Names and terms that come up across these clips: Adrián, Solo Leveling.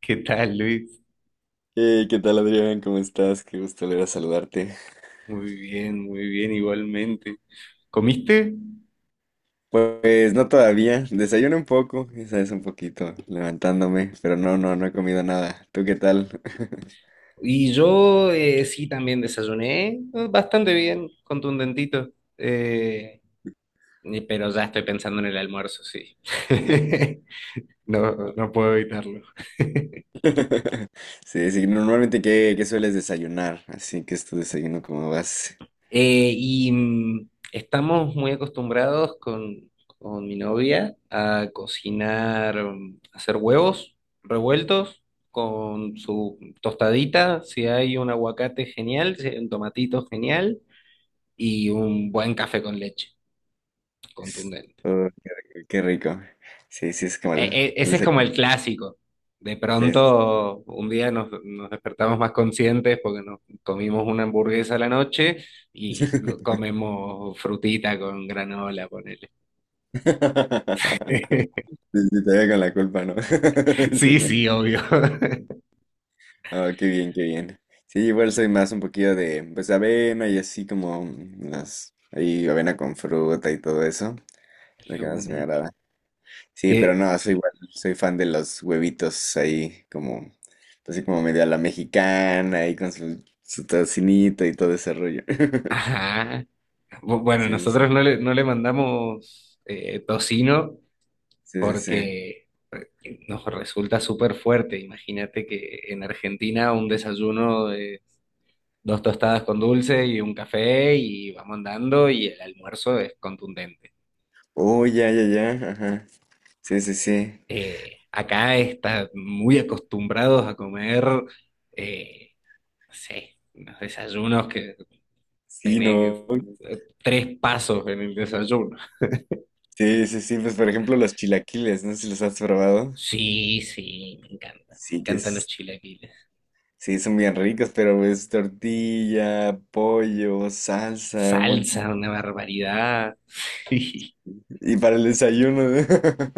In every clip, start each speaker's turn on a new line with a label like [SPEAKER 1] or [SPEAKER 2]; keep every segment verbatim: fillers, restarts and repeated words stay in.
[SPEAKER 1] ¿Qué tal, Luis?
[SPEAKER 2] Hey, ¿qué tal Adrián? ¿Cómo estás? Qué gusto volver a saludarte.
[SPEAKER 1] Muy bien, muy bien, igualmente. ¿Comiste?
[SPEAKER 2] Pues no todavía, desayuno un poco, esa es un poquito, levantándome, pero no, no, no he comido nada. ¿Tú qué tal?
[SPEAKER 1] Y yo eh, sí también desayuné, eh, bastante bien, contundentito, eh, y- pero ya estoy pensando en el almuerzo, sí. No, no puedo evitarlo.
[SPEAKER 2] Sí, sí, no, normalmente ¿qué, qué sueles desayunar? Así que es tu desayuno como vas.
[SPEAKER 1] Eh, y mm, estamos muy acostumbrados con, con mi novia a cocinar, mm, hacer huevos revueltos con su tostadita, si hay un aguacate genial, si hay un tomatito genial y un buen café con leche contundente.
[SPEAKER 2] Oh, qué rico. Qué rico. Sí, sí, es como
[SPEAKER 1] E-
[SPEAKER 2] el
[SPEAKER 1] e- ese es como
[SPEAKER 2] desayuno.
[SPEAKER 1] el clásico. De
[SPEAKER 2] Sí, sí.
[SPEAKER 1] pronto, un día nos, nos despertamos más conscientes porque nos comimos una hamburguesa a la noche
[SPEAKER 2] Sí.
[SPEAKER 1] y co- comemos frutita con granola, con…
[SPEAKER 2] Sí, sí, te veo con la culpa, ¿no?
[SPEAKER 1] Sí, sí, obvio.
[SPEAKER 2] Ah, qué bien, qué bien. Sí, igual soy más un poquillo de, pues, avena y así como mm, las, ahí avena con fruta y todo eso. Es lo
[SPEAKER 1] De
[SPEAKER 2] que más me
[SPEAKER 1] una.
[SPEAKER 2] agrada. Sí, pero
[SPEAKER 1] Que,
[SPEAKER 2] no, soy igual, soy fan de los huevitos ahí como, así como medio a la mexicana, ahí con su, su tocinito y todo ese rollo.
[SPEAKER 1] ajá. Bu- Bueno,
[SPEAKER 2] Sí,
[SPEAKER 1] nosotros
[SPEAKER 2] sí,
[SPEAKER 1] no le, no le mandamos eh, tocino
[SPEAKER 2] sí, sí, sí, sí.
[SPEAKER 1] porque eh, nos resulta súper fuerte. Imagínate que en Argentina un desayuno de dos tostadas con dulce y un café y vamos andando, y el almuerzo es contundente.
[SPEAKER 2] Oh, ya, ya, ya, ajá. Sí, sí, sí.
[SPEAKER 1] Eh, acá están muy acostumbrados a comer, eh, no sé, unos desayunos que…
[SPEAKER 2] Sí,
[SPEAKER 1] Tenés,
[SPEAKER 2] no.
[SPEAKER 1] eh, tres pasos en el desayuno.
[SPEAKER 2] Sí, sí, sí, pues por ejemplo los chilaquiles, no sé si los has probado.
[SPEAKER 1] Sí, sí, me encanta. Me
[SPEAKER 2] Sí, que
[SPEAKER 1] encantan los
[SPEAKER 2] es.
[SPEAKER 1] chilaquiles.
[SPEAKER 2] Sí, son bien ricos, pero es tortilla, pollo, salsa, un montón.
[SPEAKER 1] Salsa, una barbaridad. Sí,
[SPEAKER 2] Y para el desayuno.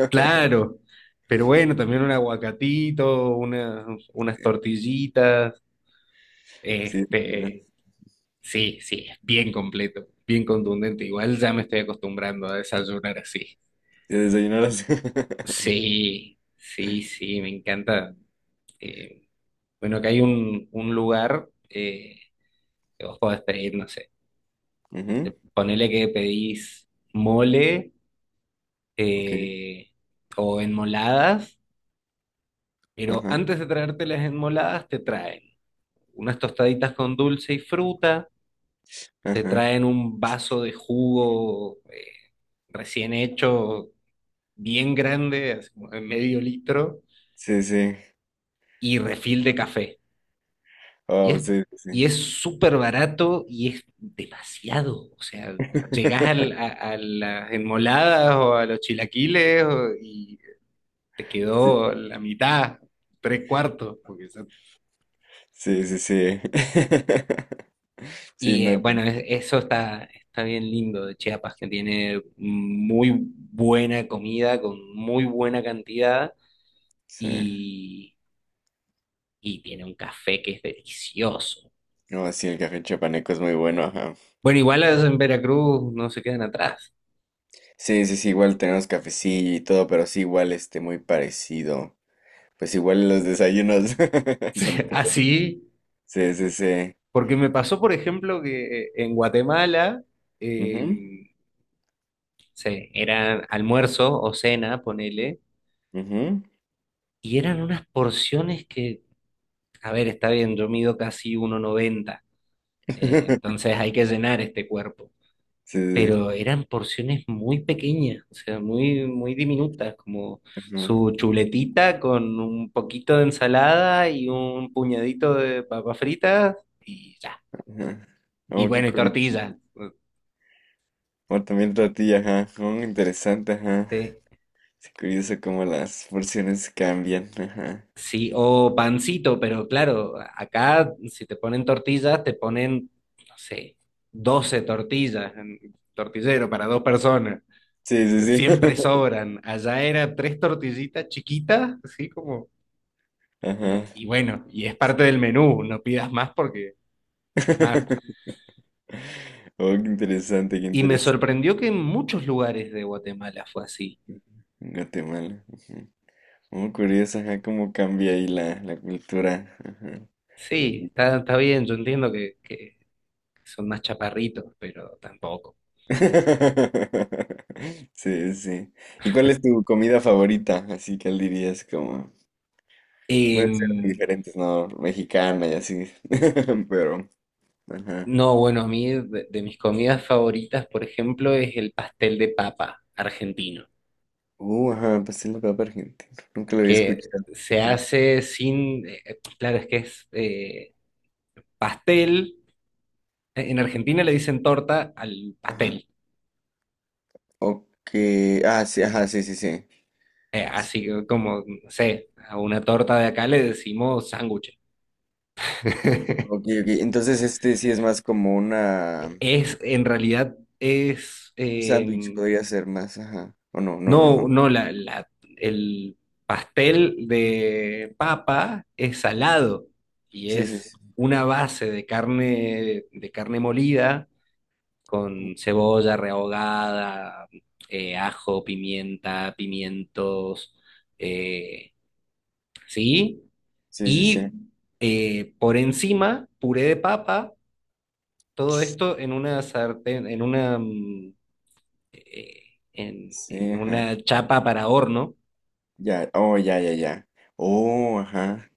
[SPEAKER 1] claro. Pero bueno, también un aguacatito, unas, unas tortillitas.
[SPEAKER 2] Sí, ajá,
[SPEAKER 1] Este, sí, sí, es bien completo, bien contundente. Igual ya me estoy acostumbrando a desayunar así.
[SPEAKER 2] desayuno. Desayunar así.
[SPEAKER 1] Sí, sí, sí, me encanta. Eh, bueno, acá hay un, un lugar. eh, Ojo, pedir, no sé.
[SPEAKER 2] Ujú,
[SPEAKER 1] Ponele que pedís mole,
[SPEAKER 2] ok,
[SPEAKER 1] eh, o enmoladas, pero
[SPEAKER 2] ajá,
[SPEAKER 1] antes de traerte las enmoladas, te traen unas tostaditas con dulce y fruta, te
[SPEAKER 2] ajá.
[SPEAKER 1] traen un vaso de jugo eh, recién hecho, bien grande, así como de medio litro,
[SPEAKER 2] Sí, sí.
[SPEAKER 1] y refil de café. Y
[SPEAKER 2] Oh,
[SPEAKER 1] es,
[SPEAKER 2] sí,
[SPEAKER 1] y
[SPEAKER 2] sí.
[SPEAKER 1] es súper barato y es demasiado. O sea, llegás al- a, a las enmoladas o a los chilaquiles o- y te quedó la mitad, tres cuartos. Porque son-
[SPEAKER 2] Sí, sí, sí. Sí, sí,
[SPEAKER 1] y eh,
[SPEAKER 2] no,
[SPEAKER 1] bueno,
[SPEAKER 2] te-
[SPEAKER 1] es- eso está, está bien lindo de Chiapas, que tiene muy buena comida con muy buena cantidad
[SPEAKER 2] sí.
[SPEAKER 1] y, y tiene un café que es delicioso.
[SPEAKER 2] No, sí, el café chapaneco es muy bueno, ajá.
[SPEAKER 1] Bueno, igual en Veracruz no se quedan atrás.
[SPEAKER 2] Sí, sí, sí, igual tenemos cafecillo y todo, pero sí, igual este, muy parecido. Pues igual los desayunos. Con todo.
[SPEAKER 1] Así.
[SPEAKER 2] Sí, sí, sí.
[SPEAKER 1] Porque me pasó, por ejemplo, que eh, en Guatemala,
[SPEAKER 2] Ujú,
[SPEAKER 1] eh, sí, eran almuerzo o cena, ponele,
[SPEAKER 2] ujú.
[SPEAKER 1] y eran unas porciones que, a ver, está bien, yo mido casi uno noventa, eh, entonces hay que llenar este cuerpo,
[SPEAKER 2] Sí, sí, sí.
[SPEAKER 1] pero eran porciones muy pequeñas, o sea, muy, muy diminutas, como
[SPEAKER 2] Ajá,
[SPEAKER 1] su chuletita con un poquito de ensalada y un puñadito de papas fritas y ya.
[SPEAKER 2] ajá.
[SPEAKER 1] Y
[SPEAKER 2] Oh, qué
[SPEAKER 1] bueno, y
[SPEAKER 2] curioso.
[SPEAKER 1] tortilla. eh,
[SPEAKER 2] O también tortilla, ajá. Oh, interesante, ajá.
[SPEAKER 1] Sí.
[SPEAKER 2] Es curioso cómo las porciones cambian, ajá.
[SPEAKER 1] Sí, o pancito, pero claro, acá si te ponen tortillas, te ponen, no sé, doce tortillas, en- tortillero para dos personas.
[SPEAKER 2] Sí, sí, sí.
[SPEAKER 1] Siempre sobran. Allá era tres tortillitas chiquitas, así como… Y,
[SPEAKER 2] Ajá.
[SPEAKER 1] y bueno, y es parte del menú, no pidas más porque es más.
[SPEAKER 2] Oh, qué interesante, qué
[SPEAKER 1] Y me
[SPEAKER 2] interesante.
[SPEAKER 1] sorprendió que en muchos lugares de Guatemala fue así.
[SPEAKER 2] En Guatemala. Ujú. Oh, curioso, ajá, cómo cambia ahí la, la cultura. Ajá.
[SPEAKER 1] Sí, está, está bien, yo entiendo que, que son más chaparritos, pero tampoco.
[SPEAKER 2] Sí, sí. ¿Y cuál es tu comida favorita? Así que él dirías como, puede ser de
[SPEAKER 1] Em,
[SPEAKER 2] diferentes, ¿no? Mexicana y así. Pero, ajá.
[SPEAKER 1] No, bueno, a mí de, de mis comidas favoritas, por ejemplo, es el pastel de papa argentino,
[SPEAKER 2] Uh, ajá, pastel de papa argentino. Nunca lo había
[SPEAKER 1] que
[SPEAKER 2] escuchado.
[SPEAKER 1] se
[SPEAKER 2] Ajá.
[SPEAKER 1] hace sin, eh, eh, claro, es que es eh, pastel, E, en Argentina le dicen torta al
[SPEAKER 2] Ajá.
[SPEAKER 1] pastel,
[SPEAKER 2] Ok. Ah, sí, ajá, sí, sí, sí.
[SPEAKER 1] eh,
[SPEAKER 2] Sí,
[SPEAKER 1] así que como, no sé, a una torta de acá le decimos sándwich.
[SPEAKER 2] ok, ok. Entonces este sí es más como una,
[SPEAKER 1] Es, en realidad, es,
[SPEAKER 2] un sándwich
[SPEAKER 1] eh,
[SPEAKER 2] podría ser más, ajá. O no, no, no,
[SPEAKER 1] no,
[SPEAKER 2] no.
[SPEAKER 1] no, la, la- el pastel de papa es salado y
[SPEAKER 2] Sí, sí,
[SPEAKER 1] es
[SPEAKER 2] sí.
[SPEAKER 1] una base de carne, de carne molida con cebolla rehogada, eh, ajo, pimienta, pimientos, eh, ¿sí?
[SPEAKER 2] Sí, sí, sí.
[SPEAKER 1] Y eh, por encima, puré de papa, todo esto en una sartén, en una, mm, eh, en
[SPEAKER 2] Sí,
[SPEAKER 1] en
[SPEAKER 2] ajá.
[SPEAKER 1] una chapa para horno.
[SPEAKER 2] Ya, oh, ya, ya, ya. Oh, ajá.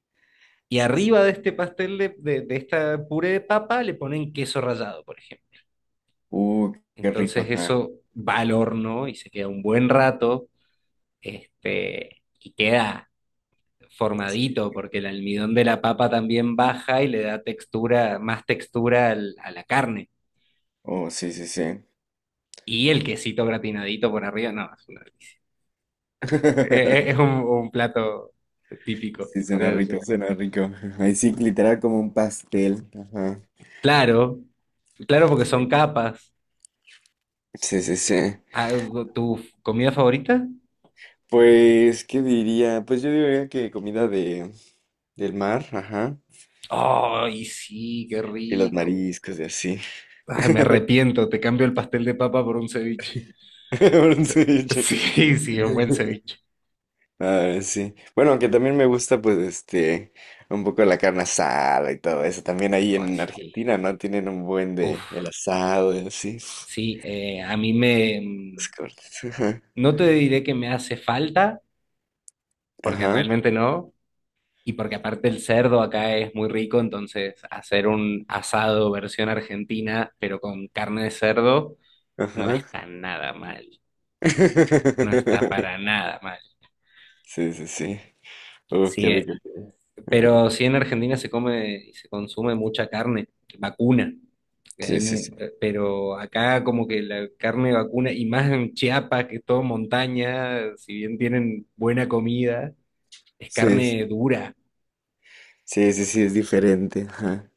[SPEAKER 1] Y
[SPEAKER 2] Sí, sí.
[SPEAKER 1] arriba de este pastel de, de, de esta puré de papa le ponen queso rallado, por ejemplo.
[SPEAKER 2] Uh, qué rico,
[SPEAKER 1] Entonces
[SPEAKER 2] ajá.
[SPEAKER 1] eso va al horno y se queda un buen rato, este, y queda
[SPEAKER 2] Sí.
[SPEAKER 1] formadito porque el almidón de la papa también baja y le da textura, más textura al- a la carne.
[SPEAKER 2] Oh, sí, sí, sí.
[SPEAKER 1] Y el quesito gratinadito por arriba, no, es, una delicia. Eh, eh, es un, un plato típico
[SPEAKER 2] Sí, suena
[SPEAKER 1] de eso.
[SPEAKER 2] rico, suena rico. Ahí sí, literal como un pastel. Ajá.
[SPEAKER 1] Claro, claro porque son capas.
[SPEAKER 2] Sí, sí, sí.
[SPEAKER 1] Ah, ¿tu comida favorita?
[SPEAKER 2] Pues, ¿qué diría? Pues yo diría que comida de, del mar, ajá.
[SPEAKER 1] Ay, sí, qué
[SPEAKER 2] Y los
[SPEAKER 1] rico.
[SPEAKER 2] mariscos y así.
[SPEAKER 1] Ay, me arrepiento, te cambio el pastel de papa por un ceviche.
[SPEAKER 2] Un ceviche.
[SPEAKER 1] Sí, sí, un buen ceviche.
[SPEAKER 2] Ah, sí. Bueno, aunque también me gusta, pues, este, un poco la carne asada y todo eso. También ahí
[SPEAKER 1] Ay,
[SPEAKER 2] en
[SPEAKER 1] sí.
[SPEAKER 2] Argentina, ¿no? Tienen un buen
[SPEAKER 1] Uf,
[SPEAKER 2] de el asado y así.
[SPEAKER 1] sí, eh, a mí me… mm,
[SPEAKER 2] Los cortes.
[SPEAKER 1] no te diré que me hace falta, porque
[SPEAKER 2] Ajá,
[SPEAKER 1] realmente no, y porque aparte el cerdo acá es muy rico, entonces hacer un asado versión argentina, pero con carne de cerdo, no
[SPEAKER 2] ajá.
[SPEAKER 1] está nada mal. No está
[SPEAKER 2] Ajá.
[SPEAKER 1] para nada mal.
[SPEAKER 2] Sí, sí, sí. Uf, qué
[SPEAKER 1] Sí,
[SPEAKER 2] rico.
[SPEAKER 1] pero sí en Argentina se come y se consume mucha carne vacuna. Que
[SPEAKER 2] Sí,
[SPEAKER 1] hay
[SPEAKER 2] sí, sí.
[SPEAKER 1] mu- eh, pero acá como que la carne vacuna, y más en Chiapas, que es todo montaña, si bien tienen buena comida, es
[SPEAKER 2] Sí,
[SPEAKER 1] carne
[SPEAKER 2] sí,
[SPEAKER 1] dura.
[SPEAKER 2] sí, sí, sí, es diferente. Ajá.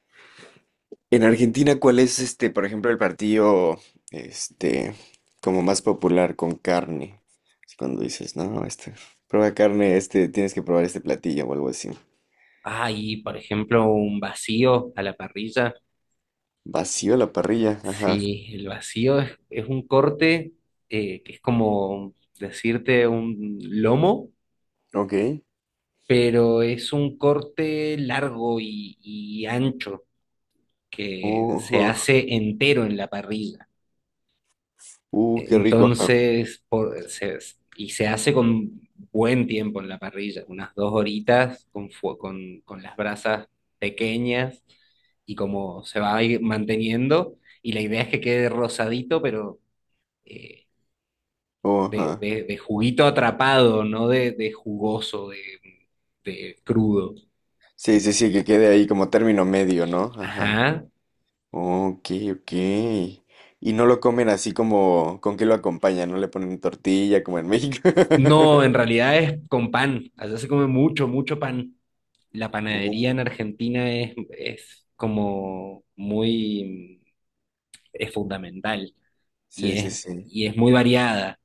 [SPEAKER 2] En Argentina, ¿cuál es este, por ejemplo, el partido este como más popular con carne? Así cuando dices, no, este, prueba carne, este, tienes que probar este platillo o algo así.
[SPEAKER 1] Ah, y por ejemplo un vacío a la parrilla.
[SPEAKER 2] Vacío la parrilla, ajá.
[SPEAKER 1] Sí, el vacío es, es un corte eh, que es como decirte un lomo,
[SPEAKER 2] Ok.
[SPEAKER 1] pero es un corte largo y y ancho. Que se
[SPEAKER 2] Ojo.
[SPEAKER 1] hace entero en la parrilla.
[SPEAKER 2] Uh, qué rico, ajá.
[SPEAKER 1] Entonces, por- se- y se hace con buen tiempo en la parrilla, unas dos horitas con, fue- con, con las brasas pequeñas y como se va a ir manteniendo. Y la idea es que quede rosadito, pero eh,
[SPEAKER 2] Oh,
[SPEAKER 1] de,
[SPEAKER 2] ajá.
[SPEAKER 1] de- de juguito atrapado, no de, de jugoso, de, de crudo.
[SPEAKER 2] Sí, sí, sí, que quede ahí como término medio, ¿no? Ajá.
[SPEAKER 1] Ajá.
[SPEAKER 2] Ok, ok. Y no lo comen así como, ¿con qué lo acompañan? No le ponen tortilla como en México.
[SPEAKER 1] No, en realidad es con pan. Allá se come mucho, mucho pan. La panadería en
[SPEAKER 2] Oh,
[SPEAKER 1] Argentina es, es como muy, es fundamental y
[SPEAKER 2] sí, sí,
[SPEAKER 1] es,
[SPEAKER 2] sí.
[SPEAKER 1] y es muy variada.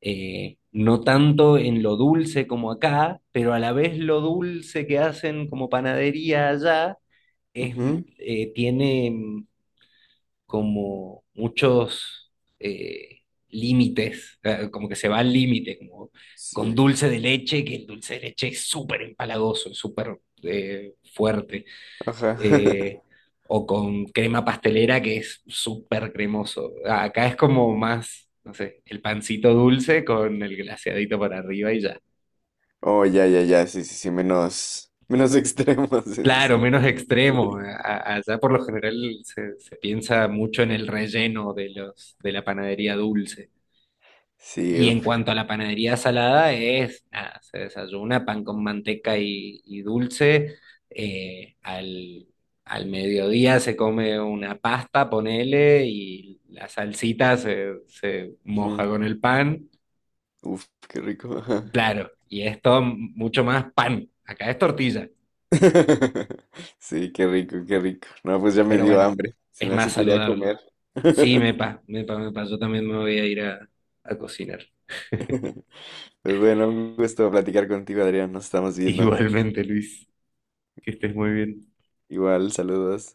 [SPEAKER 1] Eh, no tanto en lo dulce como acá, pero a la vez lo dulce que hacen como panadería allá es,
[SPEAKER 2] Ujú.
[SPEAKER 1] eh, tiene como muchos, eh, límites, eh, como que se va al límite, como
[SPEAKER 2] Sí,
[SPEAKER 1] con dulce de leche, que el dulce de leche es súper empalagoso, es súper, eh, fuerte,
[SPEAKER 2] ajá.
[SPEAKER 1] eh, o con crema pastelera que es súper cremoso. Acá es como más, no sé, el pancito dulce con el glaseadito para arriba y ya.
[SPEAKER 2] Oh, ya, ya, ya, sí, sí, sí, menos, menos extremos, sí, sí, sí.
[SPEAKER 1] Claro, menos extremo. A- Allá por lo general se, se piensa mucho en el relleno de los, de la panadería dulce.
[SPEAKER 2] Sí,
[SPEAKER 1] Y en
[SPEAKER 2] uf,
[SPEAKER 1] cuanto a la panadería salada, es, nada, se desayuna pan con manteca y, y dulce. eh, al, Al mediodía se come una pasta, ponele, y la salsita se, se
[SPEAKER 2] ujú,
[SPEAKER 1] moja con el pan.
[SPEAKER 2] uf, qué rico, ajá.
[SPEAKER 1] Claro, y esto mucho más pan. Acá es tortilla,
[SPEAKER 2] Sí, qué rico, qué rico. No, pues ya me
[SPEAKER 1] pero
[SPEAKER 2] dio
[SPEAKER 1] bueno,
[SPEAKER 2] hambre, se
[SPEAKER 1] es
[SPEAKER 2] me
[SPEAKER 1] más
[SPEAKER 2] hace que iré a
[SPEAKER 1] saludable.
[SPEAKER 2] comer.
[SPEAKER 1] Sí, mepa, mepa, mepa. Yo también me voy a ir a a cocinar.
[SPEAKER 2] Pues bueno, un gusto platicar contigo, Adrián, nos estamos viendo.
[SPEAKER 1] Igualmente, Luis, que estés muy bien.
[SPEAKER 2] Igual, saludos.